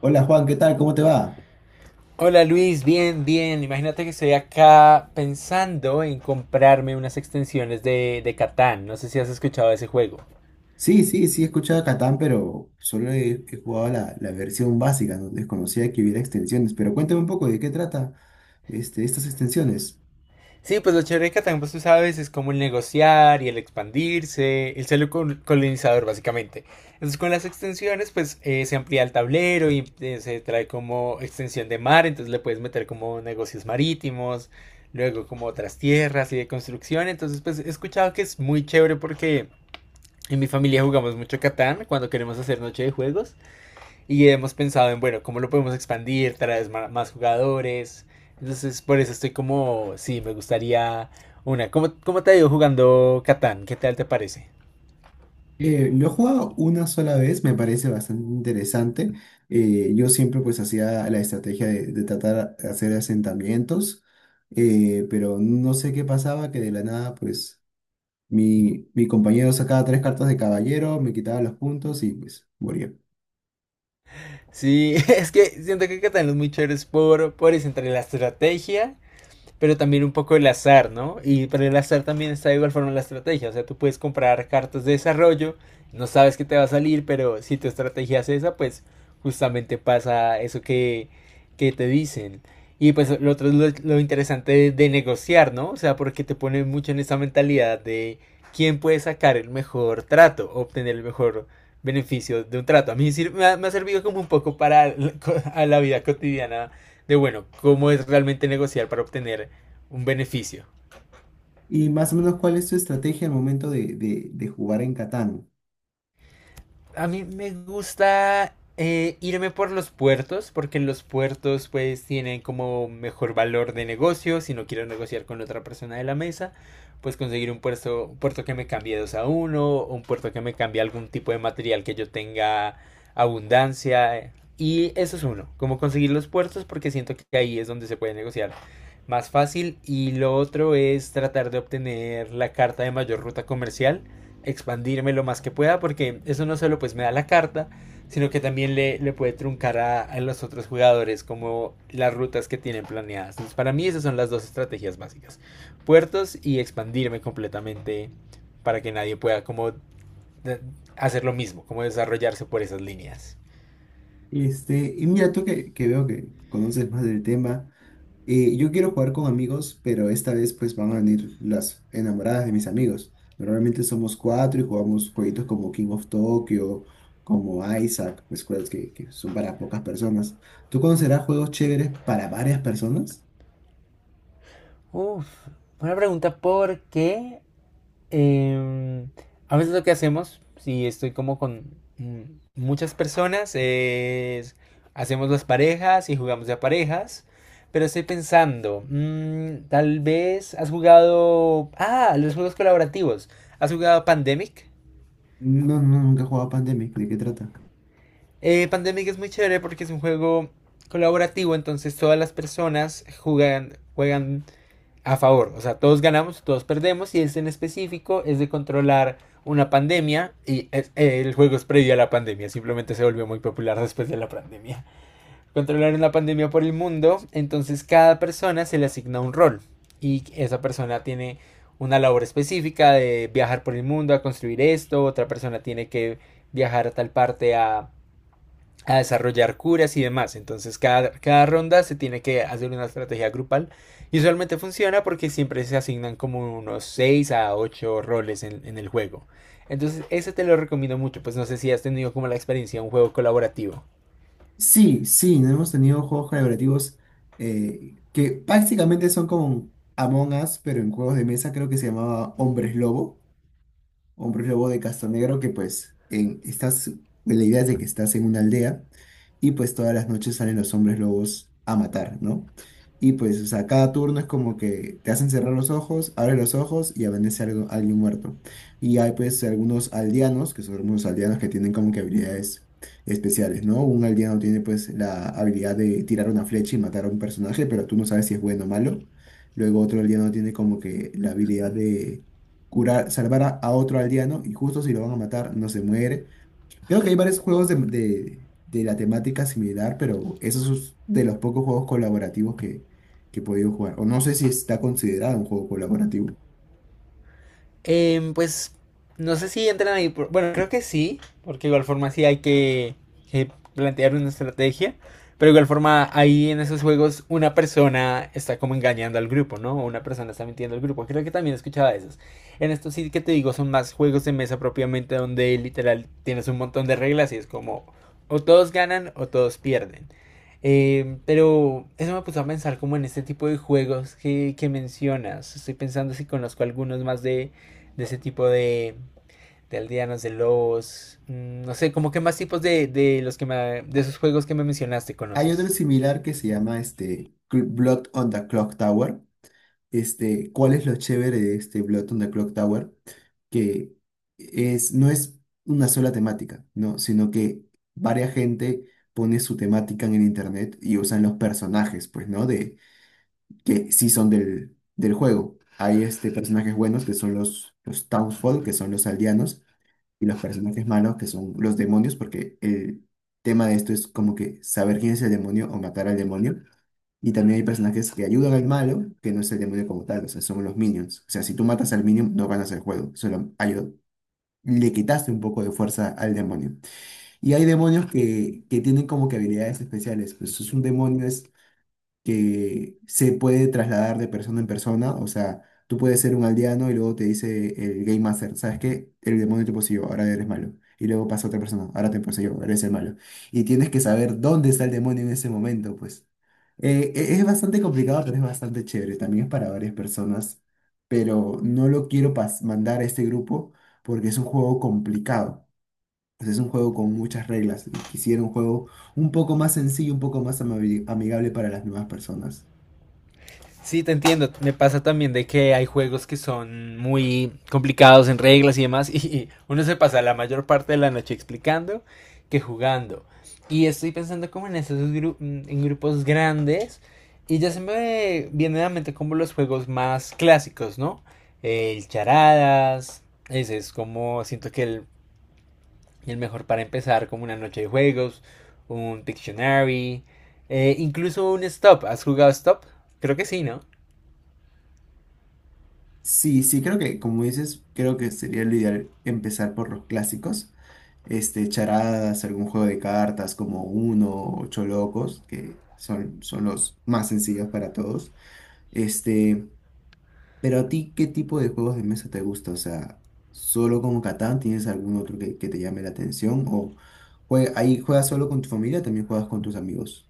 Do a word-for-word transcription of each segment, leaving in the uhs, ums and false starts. Hola Juan, ¿qué tal? ¿Cómo te va? Hola Luis, bien, bien. Imagínate que estoy acá pensando en comprarme unas extensiones de, de Catán. No sé si has escuchado de ese juego. Sí, sí, sí he escuchado a Catán, pero solo he, he jugado la, la versión básica, no desconocía que hubiera extensiones. Pero cuéntame un poco de qué trata este, estas extensiones. Sí, pues lo chévere de Catán, pues tú sabes, es como el negociar y el expandirse, el ser col- colonizador básicamente. Entonces con las extensiones, pues eh, se amplía el tablero y eh, se trae como extensión de mar, entonces le puedes meter como negocios marítimos, luego como otras tierras y de construcción. Entonces, pues he escuchado que es muy chévere porque... En mi familia jugamos mucho Catán cuando queremos hacer noche de juegos y hemos pensado en, bueno, cómo lo podemos expandir, traer ma- más jugadores. Entonces, por eso estoy como, sí, me gustaría una. ¿Cómo, cómo te ha ido jugando Catán? ¿Qué tal te parece? Eh, lo he jugado una sola vez, me parece bastante interesante. Eh, yo siempre pues hacía la estrategia de, de tratar de hacer asentamientos, eh, pero no sé qué pasaba, que de la nada pues mi, mi compañero sacaba tres cartas de caballero, me quitaba los puntos y pues moría. Sí, es que siento que Catán es muy chévere por, por eso, entre la estrategia pero también un poco el azar, ¿no? Y para el azar también está de igual forma la estrategia, o sea, tú puedes comprar cartas de desarrollo, no sabes qué te va a salir, pero si tu estrategia es esa, pues justamente pasa eso que, que te dicen. Y pues lo otro es lo, lo interesante de, de, negociar, ¿no? O sea, porque te pone mucho en esa mentalidad de quién puede sacar el mejor trato, obtener el mejor beneficio de un trato. A mí me ha, me ha servido como un poco para la, a la vida cotidiana de, bueno, cómo es realmente negociar para obtener un beneficio. Y más o menos, ¿cuál es tu estrategia al momento de, de- de jugar en Catán? A mí me gusta eh, irme por los puertos, porque en los puertos pues tienen como mejor valor de negocio. Si no quiero negociar con otra persona de la mesa, pues conseguir un puerto, un puerto que me cambie dos a uno, o un puerto que me cambie algún tipo de material que yo tenga abundancia. eh, Y eso es uno, como conseguir los puertos, porque siento que ahí es donde se puede negociar más fácil. Y lo otro es tratar de obtener la carta de mayor ruta comercial, expandirme lo más que pueda porque eso no solo pues me da la carta, sino que también le, le puede truncar a, a, los otros jugadores como las rutas que tienen planeadas. Entonces, para mí esas son las dos estrategias básicas. Puertos y expandirme completamente para que nadie pueda como hacer lo mismo, como desarrollarse por esas líneas. Este, y mira, tú que, que veo que conoces más del tema, eh, yo quiero jugar con amigos, pero esta vez pues van a venir las enamoradas de mis amigos. Normalmente somos cuatro y jugamos jueguitos como King of Tokyo, como Isaac, pues juegos que, que son para pocas personas. ¿Tú conocerás juegos chéveres para varias personas? Uf, una pregunta, ¿por qué Em, a veces lo que hacemos, si estoy como con mm, muchas personas, es hacemos las parejas y jugamos de a parejas? Pero estoy pensando, mm, tal vez has jugado... Ah, los juegos colaborativos. ¿Has jugado Pandemic? No, no, nunca he jugado Pandemic, ¿de qué trata? Eh, Pandemic es muy chévere porque es un juego colaborativo, entonces todas las personas juegan, juegan a favor. O sea, todos ganamos, todos perdemos. Y este en específico es de controlar una pandemia. Y es- eh, el juego es previo a la pandemia. Simplemente se volvió muy popular después de la pandemia. Controlar una pandemia por el mundo. Entonces cada persona se le asigna un rol. Y esa persona tiene una labor específica de viajar por el mundo a construir esto. Otra persona tiene que viajar a tal parte a a desarrollar curas y demás. Entonces cada, cada ronda se tiene que hacer una estrategia grupal y usualmente funciona porque siempre se asignan como unos seis a ocho roles en, en el juego. Entonces ese te lo recomiendo mucho, pues no sé si has tenido como la experiencia de un juego colaborativo. Sí, sí, no hemos tenido juegos colaborativos eh, que prácticamente son como Among Us, pero en juegos de mesa creo que se llamaba Hombres Lobo, un prólogo de Castanegro que pues en, estás, la idea es de que estás en una aldea y pues todas las noches salen los hombres lobos a matar, ¿no? Y pues, o sea, cada turno es como que te hacen cerrar los ojos, abre los ojos y amanece algo, alguien muerto. Y hay pues algunos aldeanos, que son algunos aldeanos que tienen como que habilidades especiales, ¿no? Un aldeano tiene pues la habilidad de tirar una flecha y matar a un personaje, pero tú no sabes si es bueno o malo. Luego otro aldeano tiene como que la habilidad de curar, salvar a, a otro aldeano y justo si lo van a matar no se muere. Creo que hay varios juegos de, de- de la temática similar, pero esos es de los pocos juegos colaborativos que, que he podido jugar. O no sé si está considerado un juego colaborativo. Em, pues no sé si entran ahí. por- Bueno, creo que sí, porque de igual forma sí hay que, que plantear una estrategia. Pero de igual forma, ahí en esos juegos, una persona está como engañando al grupo, ¿no? O una persona está mintiendo al grupo. Creo que también escuchaba esos. En estos sí que te digo, son más juegos de mesa propiamente, donde literal tienes un montón de reglas y es como o todos ganan o todos pierden. Eh, pero eso me puso a pensar como en este tipo de juegos que, que mencionas. Estoy pensando si conozco algunos más de, de ese tipo de, de aldeanos, de lobos, mm, no sé, como que más tipos de, de los que me- de esos juegos que me mencionaste Hay otro conoces. similar que se llama este, Cl- Blood on the Clock Tower, este, cuál es lo chévere de este Blood on the Clock Tower, que es, no es una sola temática, ¿no? Sino que varia gente pone su temática en el internet y usan los personajes, pues, ¿no? De, que sí son del, del juego. Hay este, personajes buenos que son los, los Townsfolk, que son los aldeanos, y los personajes malos que son los demonios, porque el tema de esto es como que saber quién es el demonio o matar al demonio. Y también hay personajes que ayudan al malo, que no es el demonio como tal, o sea, son los minions. O sea, si tú matas al minion, no ganas el juego, solo ayuda. Le quitaste un poco de fuerza al demonio. Y hay demonios que, que tienen como que habilidades especiales. Pues es un demonio, que se puede trasladar de persona en persona. O sea, tú puedes ser un aldeano y luego te dice el Game Master, ¿sabes qué? El demonio te poseyó, ahora eres malo. Y luego pasa otra persona, ahora te poseyó, eres el malo. Y tienes que saber dónde está el demonio en ese momento, pues. Eh, e- es bastante complicado, pero es bastante chévere. También es para varias personas. Pero no lo quiero pas- mandar a este grupo porque es un juego complicado. Pues es un juego con muchas reglas y quisiera un juego un poco más sencillo, un poco más amabi- amigable para las nuevas personas. Sí, te entiendo. Me pasa también de que hay juegos que son muy complicados en reglas y demás, y y uno se pasa la mayor parte de la noche explicando que jugando. Y estoy pensando como en esos gru- en grupos grandes. Y ya se me viene a la mente como los juegos más clásicos, ¿no? El charadas, ese es como siento que el el mejor para empezar como una noche de juegos, un Pictionary, eh, incluso un Stop. ¿Has jugado Stop? Creo que sí, ¿no? Sí, sí, creo que, como dices, creo que sería lo ideal empezar por los clásicos. Este, charadas, algún juego de cartas como Uno, o Ocho Locos, que son, son los más sencillos para todos. Este, pero a ti, ¿qué tipo de juegos de mesa te gusta? O sea, ¿solo como Catán tienes algún otro que, que te llame la atención? ¿O jue- ahí juegas solo con tu familia o también juegas con tus amigos?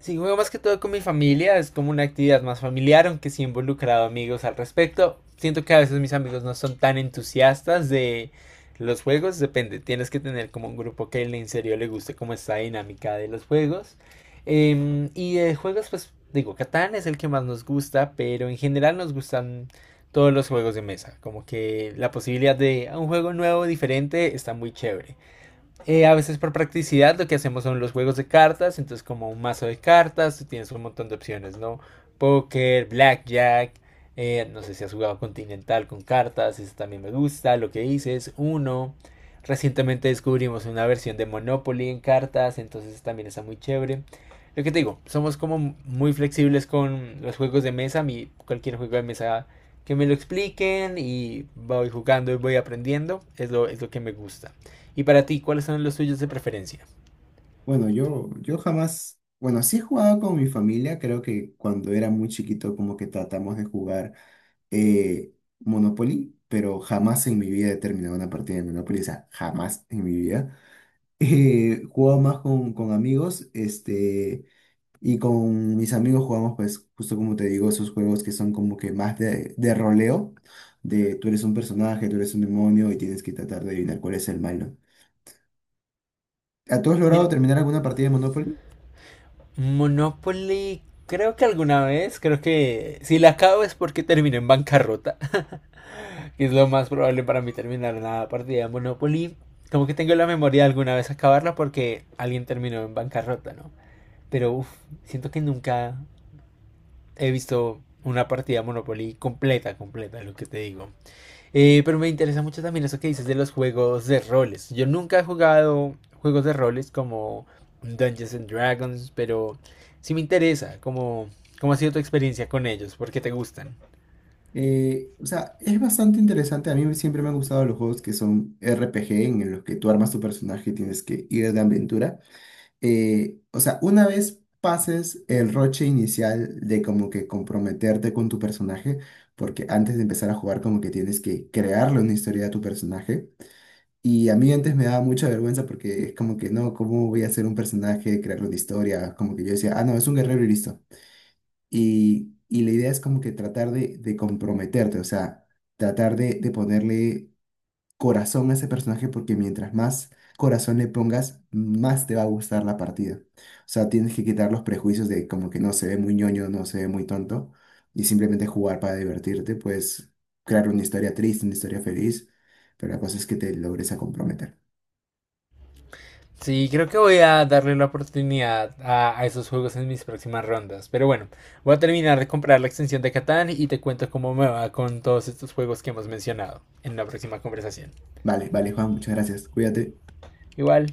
Sí, juego más que todo con mi familia, es como una actividad más familiar, aunque sí he involucrado amigos al respecto. Siento que a veces mis amigos no son tan entusiastas de los juegos, depende, tienes que tener como un grupo que en serio le guste como esta dinámica de los juegos. Em, y de juegos, pues digo, Catán es el que más nos gusta, pero en general nos gustan todos los juegos de mesa, como que la posibilidad de un juego nuevo, diferente, está muy chévere. Eh, a veces por practicidad lo que hacemos son los juegos de cartas, entonces como un mazo de cartas, tú tienes un montón de opciones, ¿no? Póker, blackjack, eh, no sé si has jugado continental con cartas, eso también me gusta, lo que hice es uno. Recientemente descubrimos una versión de Monopoly en cartas, entonces también está muy chévere. Lo que te digo, somos como muy flexibles con los juegos de mesa, mi, cualquier juego de mesa que me lo expliquen y voy jugando y voy aprendiendo, es lo, es lo que me gusta. Y para ti, ¿cuáles son los tuyos de preferencia? Bueno, yo, yo jamás, bueno, sí he jugado con mi familia, creo que cuando era muy chiquito como que tratamos de jugar eh, Monopoly, pero jamás en mi vida he terminado una partida de Monopoly, o sea, jamás en mi vida. Eh, jugaba más con, con amigos, este, y con mis amigos jugamos pues justo como te digo, esos juegos que son como que más de, de roleo, de tú eres un personaje, tú eres un demonio y tienes que tratar de adivinar cuál es el malo. ¿A ¿Tú has logrado Mira, terminar alguna partida de Monopoly? Monopoly, creo que alguna vez, creo que si la acabo es porque terminé en bancarrota, que es lo más probable para mí terminar una partida de Monopoly. Como que tengo la memoria de alguna vez acabarla porque alguien terminó en bancarrota, ¿no? Pero uf, siento que nunca he visto una partida de Monopoly completa, completa, lo que te digo. Eh, pero me interesa mucho también eso que dices de los juegos de roles. Yo nunca he jugado juegos de roles como Dungeons and Dragons, pero sí me interesa cómo, cómo ha sido tu experiencia con ellos, por qué te gustan. Eh, o sea, es bastante interesante. A mí siempre me han gustado los juegos que son R P G, en los que tú armas tu personaje y tienes que ir de aventura. Eh, o sea, una vez pases el roche inicial de como que comprometerte con tu personaje, porque antes de empezar a jugar como que tienes que crearle una historia a tu personaje. Y a mí antes me daba mucha vergüenza porque es como que no, ¿cómo voy a hacer un personaje, crearle una historia? Como que yo decía, ah, no, es un guerrero y listo. Y, y la idea es como que tratar de, de comprometerte, o sea, tratar de, de ponerle corazón a ese personaje porque mientras más corazón le pongas, más te va a gustar la partida. O sea, tienes que quitar los prejuicios de como que no se ve muy ñoño, no se ve muy tonto y simplemente jugar para divertirte, pues crear una historia triste, una historia feliz, pero la cosa es que te logres a comprometer. Sí, creo que voy a darle la oportunidad a, a esos juegos en mis próximas rondas. Pero bueno, voy a terminar de comprar la extensión de Catán y te cuento cómo me va con todos estos juegos que hemos mencionado en la próxima conversación. Vale, vale, Juan, muchas gracias. Cuídate. Igual,